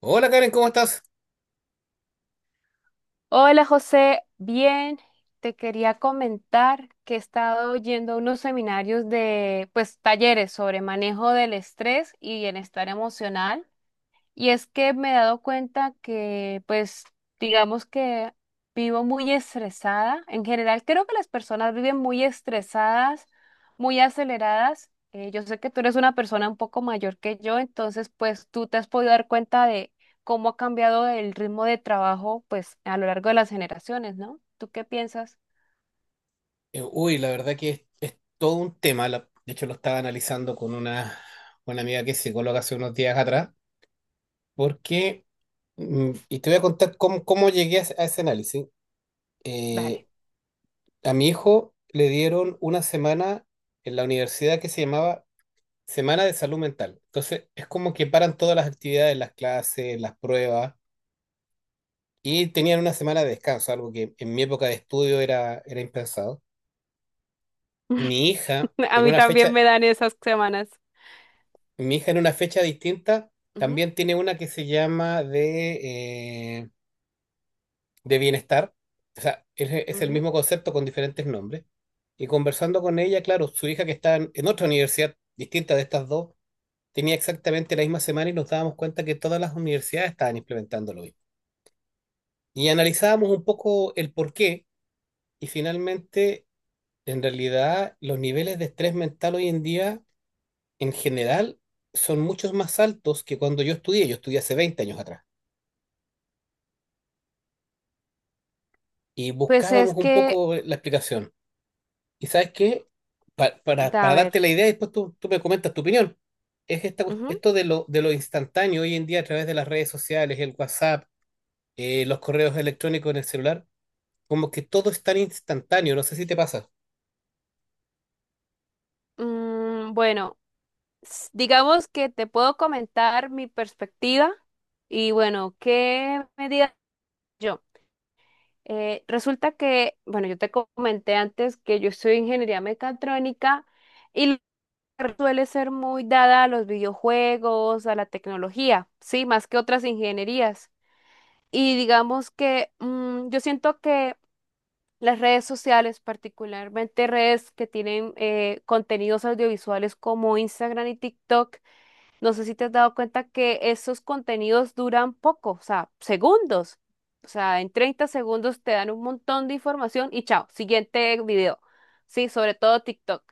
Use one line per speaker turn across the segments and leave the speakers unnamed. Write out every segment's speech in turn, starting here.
Hola Karen, ¿cómo estás?
Hola José, bien, te quería comentar que he estado yendo a unos seminarios de, pues, talleres sobre manejo del estrés y bienestar emocional. Y es que me he dado cuenta que, pues, digamos que vivo muy estresada. En general, creo que las personas viven muy estresadas, muy aceleradas. Yo sé que tú eres una persona un poco mayor que yo, entonces, pues, tú te has podido dar cuenta de cómo ha cambiado el ritmo de trabajo, pues, a lo largo de las generaciones, ¿no? ¿Tú qué piensas?
Uy, la verdad que es todo un tema. De hecho, lo estaba analizando con una amiga que es psicóloga hace unos días atrás, porque, y te voy a contar cómo llegué a ese análisis. Eh,
Dale.
a mi hijo le dieron una semana en la universidad que se llamaba Semana de Salud Mental. Entonces, es como que paran todas las actividades, las clases, las pruebas, y tenían una semana de descanso, algo que en mi época de estudio era impensado. Mi hija,
A
en
mí
una
también
fecha
me dan esas semanas.
Mi hija en una fecha distinta
Ujú,
también tiene una que se llama de bienestar. O sea, es el
ujú.
mismo concepto con diferentes nombres. Y conversando con ella, claro, su hija que está en otra universidad distinta de estas dos, tenía exactamente la misma semana y nos dábamos cuenta que todas las universidades estaban implementándolo hoy. Y analizábamos un poco el por qué y, finalmente, en realidad, los niveles de estrés mental hoy en día, en general, son muchos más altos que cuando yo estudié. Yo estudié hace 20 años atrás, y
Pues es
buscábamos un
que,
poco la explicación. ¿Y sabes qué? Pa- para,
da, a
para
ver.
darte la idea, y después tú me comentas tu opinión. Esto de lo instantáneo hoy en día a través de las redes sociales, el WhatsApp, los correos electrónicos en el celular, como que todo es tan instantáneo, no sé si te pasa.
Ujú, mm, bueno. Digamos que te puedo comentar mi perspectiva y bueno, ¿qué me digas yo? Resulta que, bueno, yo te comenté antes que yo estudio ingeniería mecatrónica y la carrera suele ser muy dada a los videojuegos, a la tecnología, sí, más que otras ingenierías. Y digamos que yo siento que las redes sociales, particularmente redes que tienen contenidos audiovisuales como Instagram y TikTok. No sé si te has dado cuenta que esos contenidos duran poco, o sea, segundos. O sea, en 30 segundos te dan un montón de información y chao, siguiente video. Sí, sobre todo TikTok.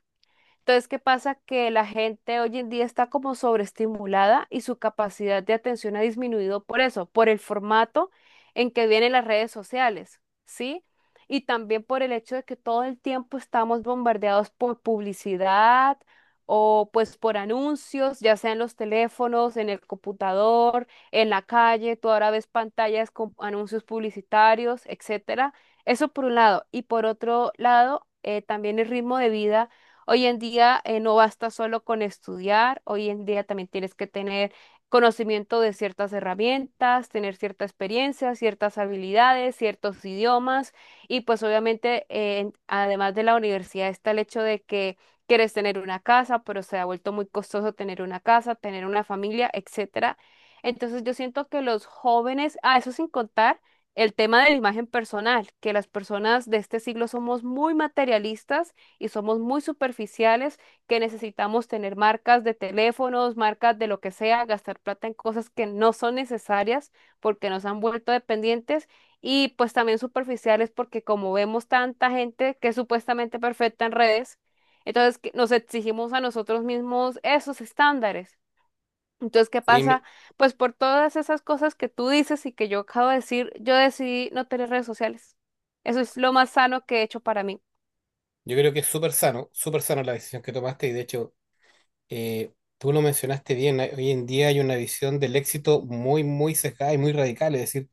Entonces, ¿qué pasa? Que la gente hoy en día está como sobreestimulada y su capacidad de atención ha disminuido por eso, por el formato en que vienen las redes sociales, ¿sí? Y también por el hecho de que todo el tiempo estamos bombardeados por publicidad o pues por anuncios, ya sea en los teléfonos, en el computador, en la calle, tú ahora ves pantallas con anuncios publicitarios, etcétera. Eso por un lado. Y por otro lado, también el ritmo de vida. Hoy en día no basta solo con estudiar, hoy en día también tienes que tener conocimiento de ciertas herramientas, tener cierta experiencia, ciertas habilidades, ciertos idiomas y pues obviamente además de la universidad está el hecho de que quieres tener una casa, pero se ha vuelto muy costoso tener una casa, tener una familia, etcétera. Entonces yo siento que los jóvenes, a eso sin contar el tema de la imagen personal, que las personas de este siglo somos muy materialistas y somos muy superficiales, que necesitamos tener marcas de teléfonos, marcas de lo que sea, gastar plata en cosas que no son necesarias porque nos han vuelto dependientes y pues también superficiales porque como vemos tanta gente que es supuestamente perfecta en redes, entonces que nos exigimos a nosotros mismos esos estándares. Entonces, ¿qué
Sí,
pasa? Pues por todas esas cosas que tú dices y que yo acabo de decir, yo decidí no tener redes sociales. Eso es lo más sano que he hecho para mí.
yo creo que es súper sano la decisión que tomaste. Y de hecho, tú lo mencionaste bien, hoy en día hay una visión del éxito muy, muy sesgada y muy radical, es decir,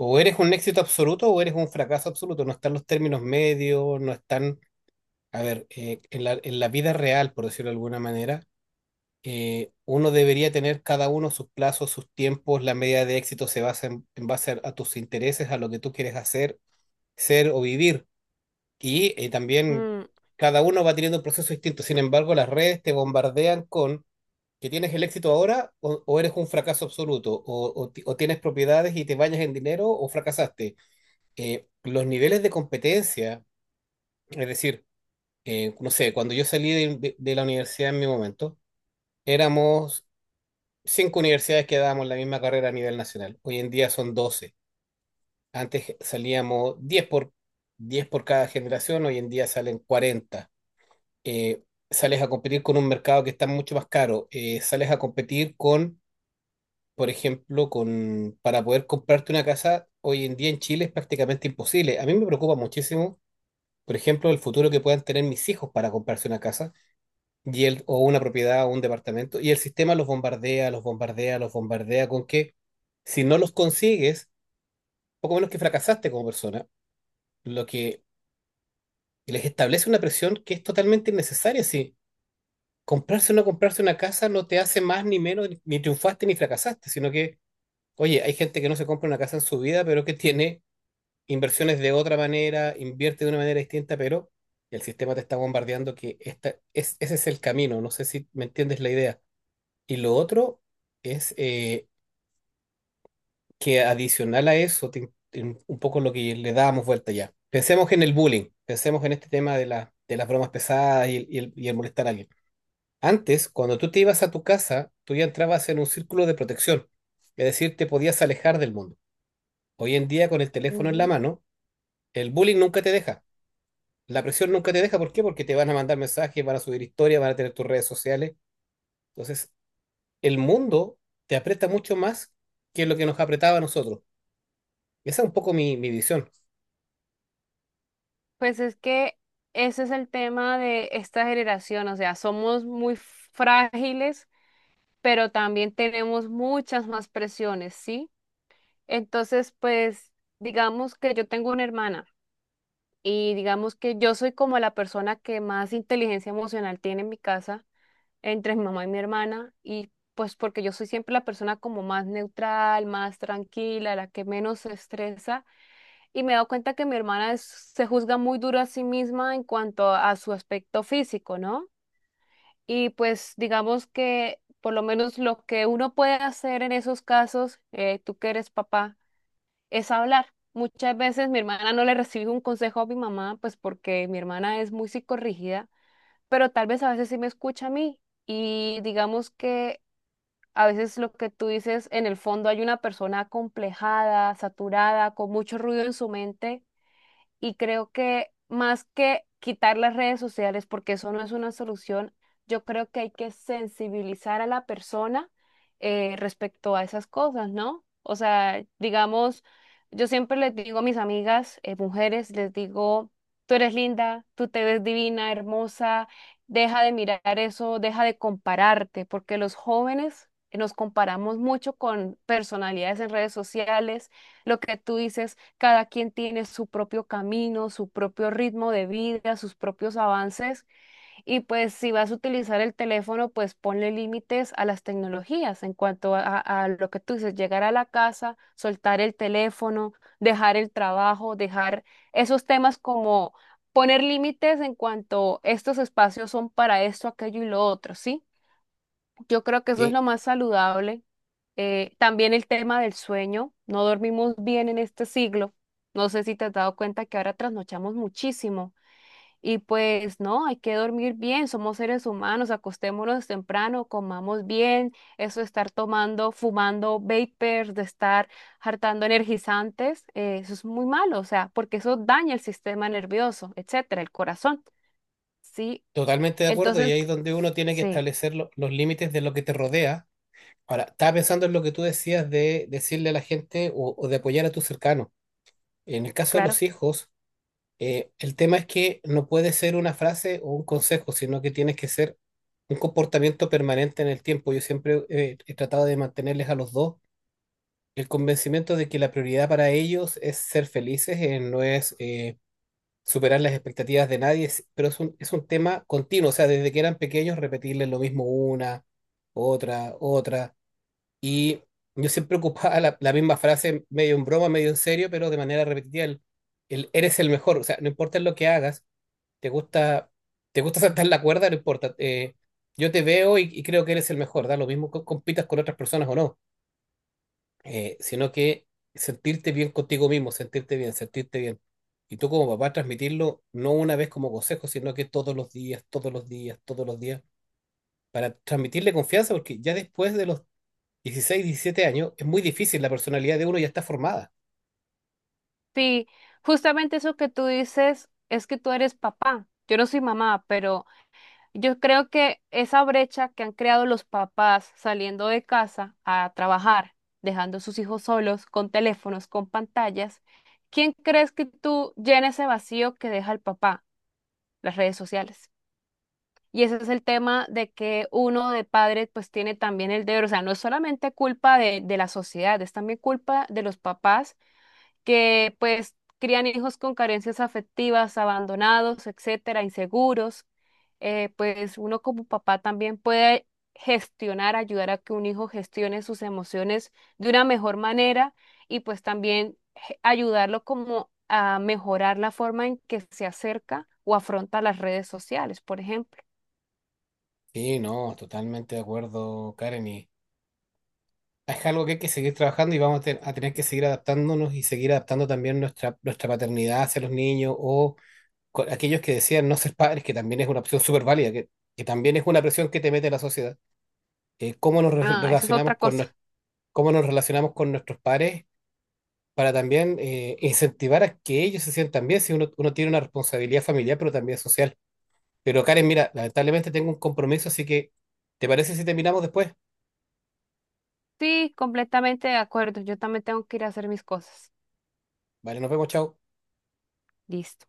o eres un éxito absoluto o eres un fracaso absoluto. No están los términos medios, no están. A ver, en la vida real, por decirlo de alguna manera, uno debería tener cada uno sus plazos, sus tiempos, la medida de éxito se basa en base a tus intereses, a lo que tú quieres hacer, ser o vivir. Y también
Mm,
cada uno va teniendo un proceso distinto. Sin embargo, las redes te bombardean con que tienes el éxito ahora o eres un fracaso absoluto, o tienes propiedades y te bañas en dinero o fracasaste. Los niveles de competencia, es decir, no sé, cuando yo salí de la universidad en mi momento, éramos cinco universidades que dábamos la misma carrera a nivel nacional. Hoy en día son 12. Antes salíamos diez por cada generación, hoy en día salen 40. Eh, sales a competir con un mercado que está mucho más caro. Sales a competir con, por ejemplo, con, para poder comprarte una casa, hoy en día en Chile es prácticamente imposible. A mí me preocupa muchísimo, por ejemplo, el futuro que puedan tener mis hijos para comprarse una casa y el, o una propiedad o un departamento. Y el sistema los bombardea, los bombardea, los bombardea con que, si no los consigues, poco menos que fracasaste como persona, lo que les establece una presión que es totalmente innecesaria. Si comprarse o no comprarse una casa no te hace más ni menos, ni triunfaste ni fracasaste, sino que, oye, hay gente que no se compra una casa en su vida, pero que tiene inversiones de otra manera, invierte de una manera distinta, pero el sistema te está bombardeando que esta, es, ese es el camino, no sé si me entiendes la idea. Y lo otro es que, adicional a eso, un poco lo que le dábamos vuelta ya. Pensemos en el bullying, pensemos en este tema de las bromas pesadas y el molestar a alguien. Antes, cuando tú te ibas a tu casa, tú ya entrabas en un círculo de protección, es decir, te podías alejar del mundo. Hoy en día, con el teléfono en la
ujú.
mano, el bullying nunca te deja. La presión nunca te deja, ¿por qué? Porque te van a mandar mensajes, van a subir historias, van a tener tus redes sociales. Entonces, el mundo te aprieta mucho más que lo que nos apretaba a nosotros. Esa es un poco mi visión.
Pues es que ese es el tema de esta generación, o sea, somos muy frágiles, pero también tenemos muchas más presiones, ¿sí? Entonces, pues digamos que yo tengo una hermana y digamos que yo soy como la persona que más inteligencia emocional tiene en mi casa, entre mi mamá y mi hermana, y pues porque yo soy siempre la persona como más neutral, más tranquila, la que menos se estresa. Y me he dado cuenta que mi hermana se juzga muy duro a sí misma en cuanto a su aspecto físico, ¿no? Y pues digamos que por lo menos lo que uno puede hacer en esos casos, tú que eres papá, es hablar. Muchas veces mi hermana no le recibe un consejo a mi mamá, pues porque mi hermana es muy psicorrígida, pero tal vez a veces sí me escucha a mí. Y digamos que a veces lo que tú dices, en el fondo hay una persona acomplejada, saturada, con mucho ruido en su mente y creo que más que quitar las redes sociales, porque eso no es una solución, yo creo que hay que sensibilizar a la persona respecto a esas cosas, ¿no? O sea, digamos, yo siempre les digo a mis amigas, mujeres, les digo, tú eres linda, tú te ves divina, hermosa, deja de mirar eso, deja de compararte, porque los jóvenes nos comparamos mucho con personalidades en redes sociales. Lo que tú dices, cada quien tiene su propio camino, su propio ritmo de vida, sus propios avances. Y pues si vas a utilizar el teléfono, pues ponle límites a las tecnologías en cuanto lo que tú dices, llegar a la casa, soltar el teléfono, dejar el trabajo, dejar esos temas como poner límites en cuanto estos espacios son para esto, aquello y lo otro, ¿sí? Yo creo que eso es
Y
lo más saludable. También el tema del sueño, no dormimos bien en este siglo. No sé si te has dado cuenta que ahora trasnochamos muchísimo y pues no, hay que dormir bien, somos seres humanos, acostémonos temprano, comamos bien, eso de estar tomando, fumando vapers, de estar hartando energizantes, eso es muy malo, o sea, porque eso daña el sistema nervioso, etcétera, el corazón, ¿sí?
totalmente de acuerdo, y
Entonces,
ahí es donde uno tiene que
sí,
establecer los límites de lo que te rodea. Ahora, estaba pensando en lo que tú decías de decirle a la gente o de apoyar a tus cercanos. En el caso de los
claro.
hijos, el tema es que no puede ser una frase o un consejo, sino que tienes que ser un comportamiento permanente en el tiempo. Yo siempre he tratado de mantenerles a los dos el convencimiento de que la prioridad para ellos es ser felices, no es superar las expectativas de nadie, pero es un tema continuo. O sea, desde que eran pequeños, repetirles lo mismo una, otra, otra. Y yo siempre ocupaba la misma frase, medio en broma, medio en serio, pero de manera repetitiva. El eres el mejor, o sea, no importa lo que hagas. Te gusta, te gusta saltar la cuerda, no importa. Yo te veo y, creo que eres el mejor, da lo mismo que compitas con otras personas o no, sino que sentirte bien contigo mismo, sentirte bien, sentirte bien. Y tú, como papá, transmitirlo no una vez como consejo, sino que todos los días, todos los días, todos los días, para transmitirle confianza, porque ya después de los 16 17 años es muy difícil, la personalidad de uno ya está formada.
Sí, justamente eso que tú dices es que tú eres papá. Yo no soy mamá, pero yo creo que esa brecha que han creado los papás saliendo de casa a trabajar, dejando a sus hijos solos, con teléfonos, con pantallas, ¿quién crees que tú llena ese vacío que deja el papá? Las redes sociales. Y ese es el tema de que uno de padre pues tiene también el deber, o sea, no es solamente culpa de la sociedad, es también culpa de los papás que pues crían hijos con carencias afectivas, abandonados, etcétera, inseguros. Pues uno como papá también puede gestionar, ayudar a que un hijo gestione sus emociones de una mejor manera y pues también ayudarlo como a mejorar la forma en que se acerca o afronta las redes sociales, por ejemplo.
Sí, no, totalmente de acuerdo, Karen. Y es algo que hay que seguir trabajando y vamos a tener que seguir adaptándonos y seguir adaptando también nuestra paternidad hacia los niños o aquellos que decían no ser padres, que también es una opción súper válida, que también es una presión que te mete la sociedad. Cómo nos
Ah, eso es otra
relacionamos con,
cosa.
nues- cómo nos relacionamos con nuestros padres para también incentivar a que ellos se sientan bien, si uno tiene una responsabilidad familiar, pero también social. Pero, Karen, mira, lamentablemente tengo un compromiso, así que ¿te parece si terminamos después?
Sí, completamente de acuerdo. Yo también tengo que ir a hacer mis cosas.
Vale, nos vemos, chao.
Listo.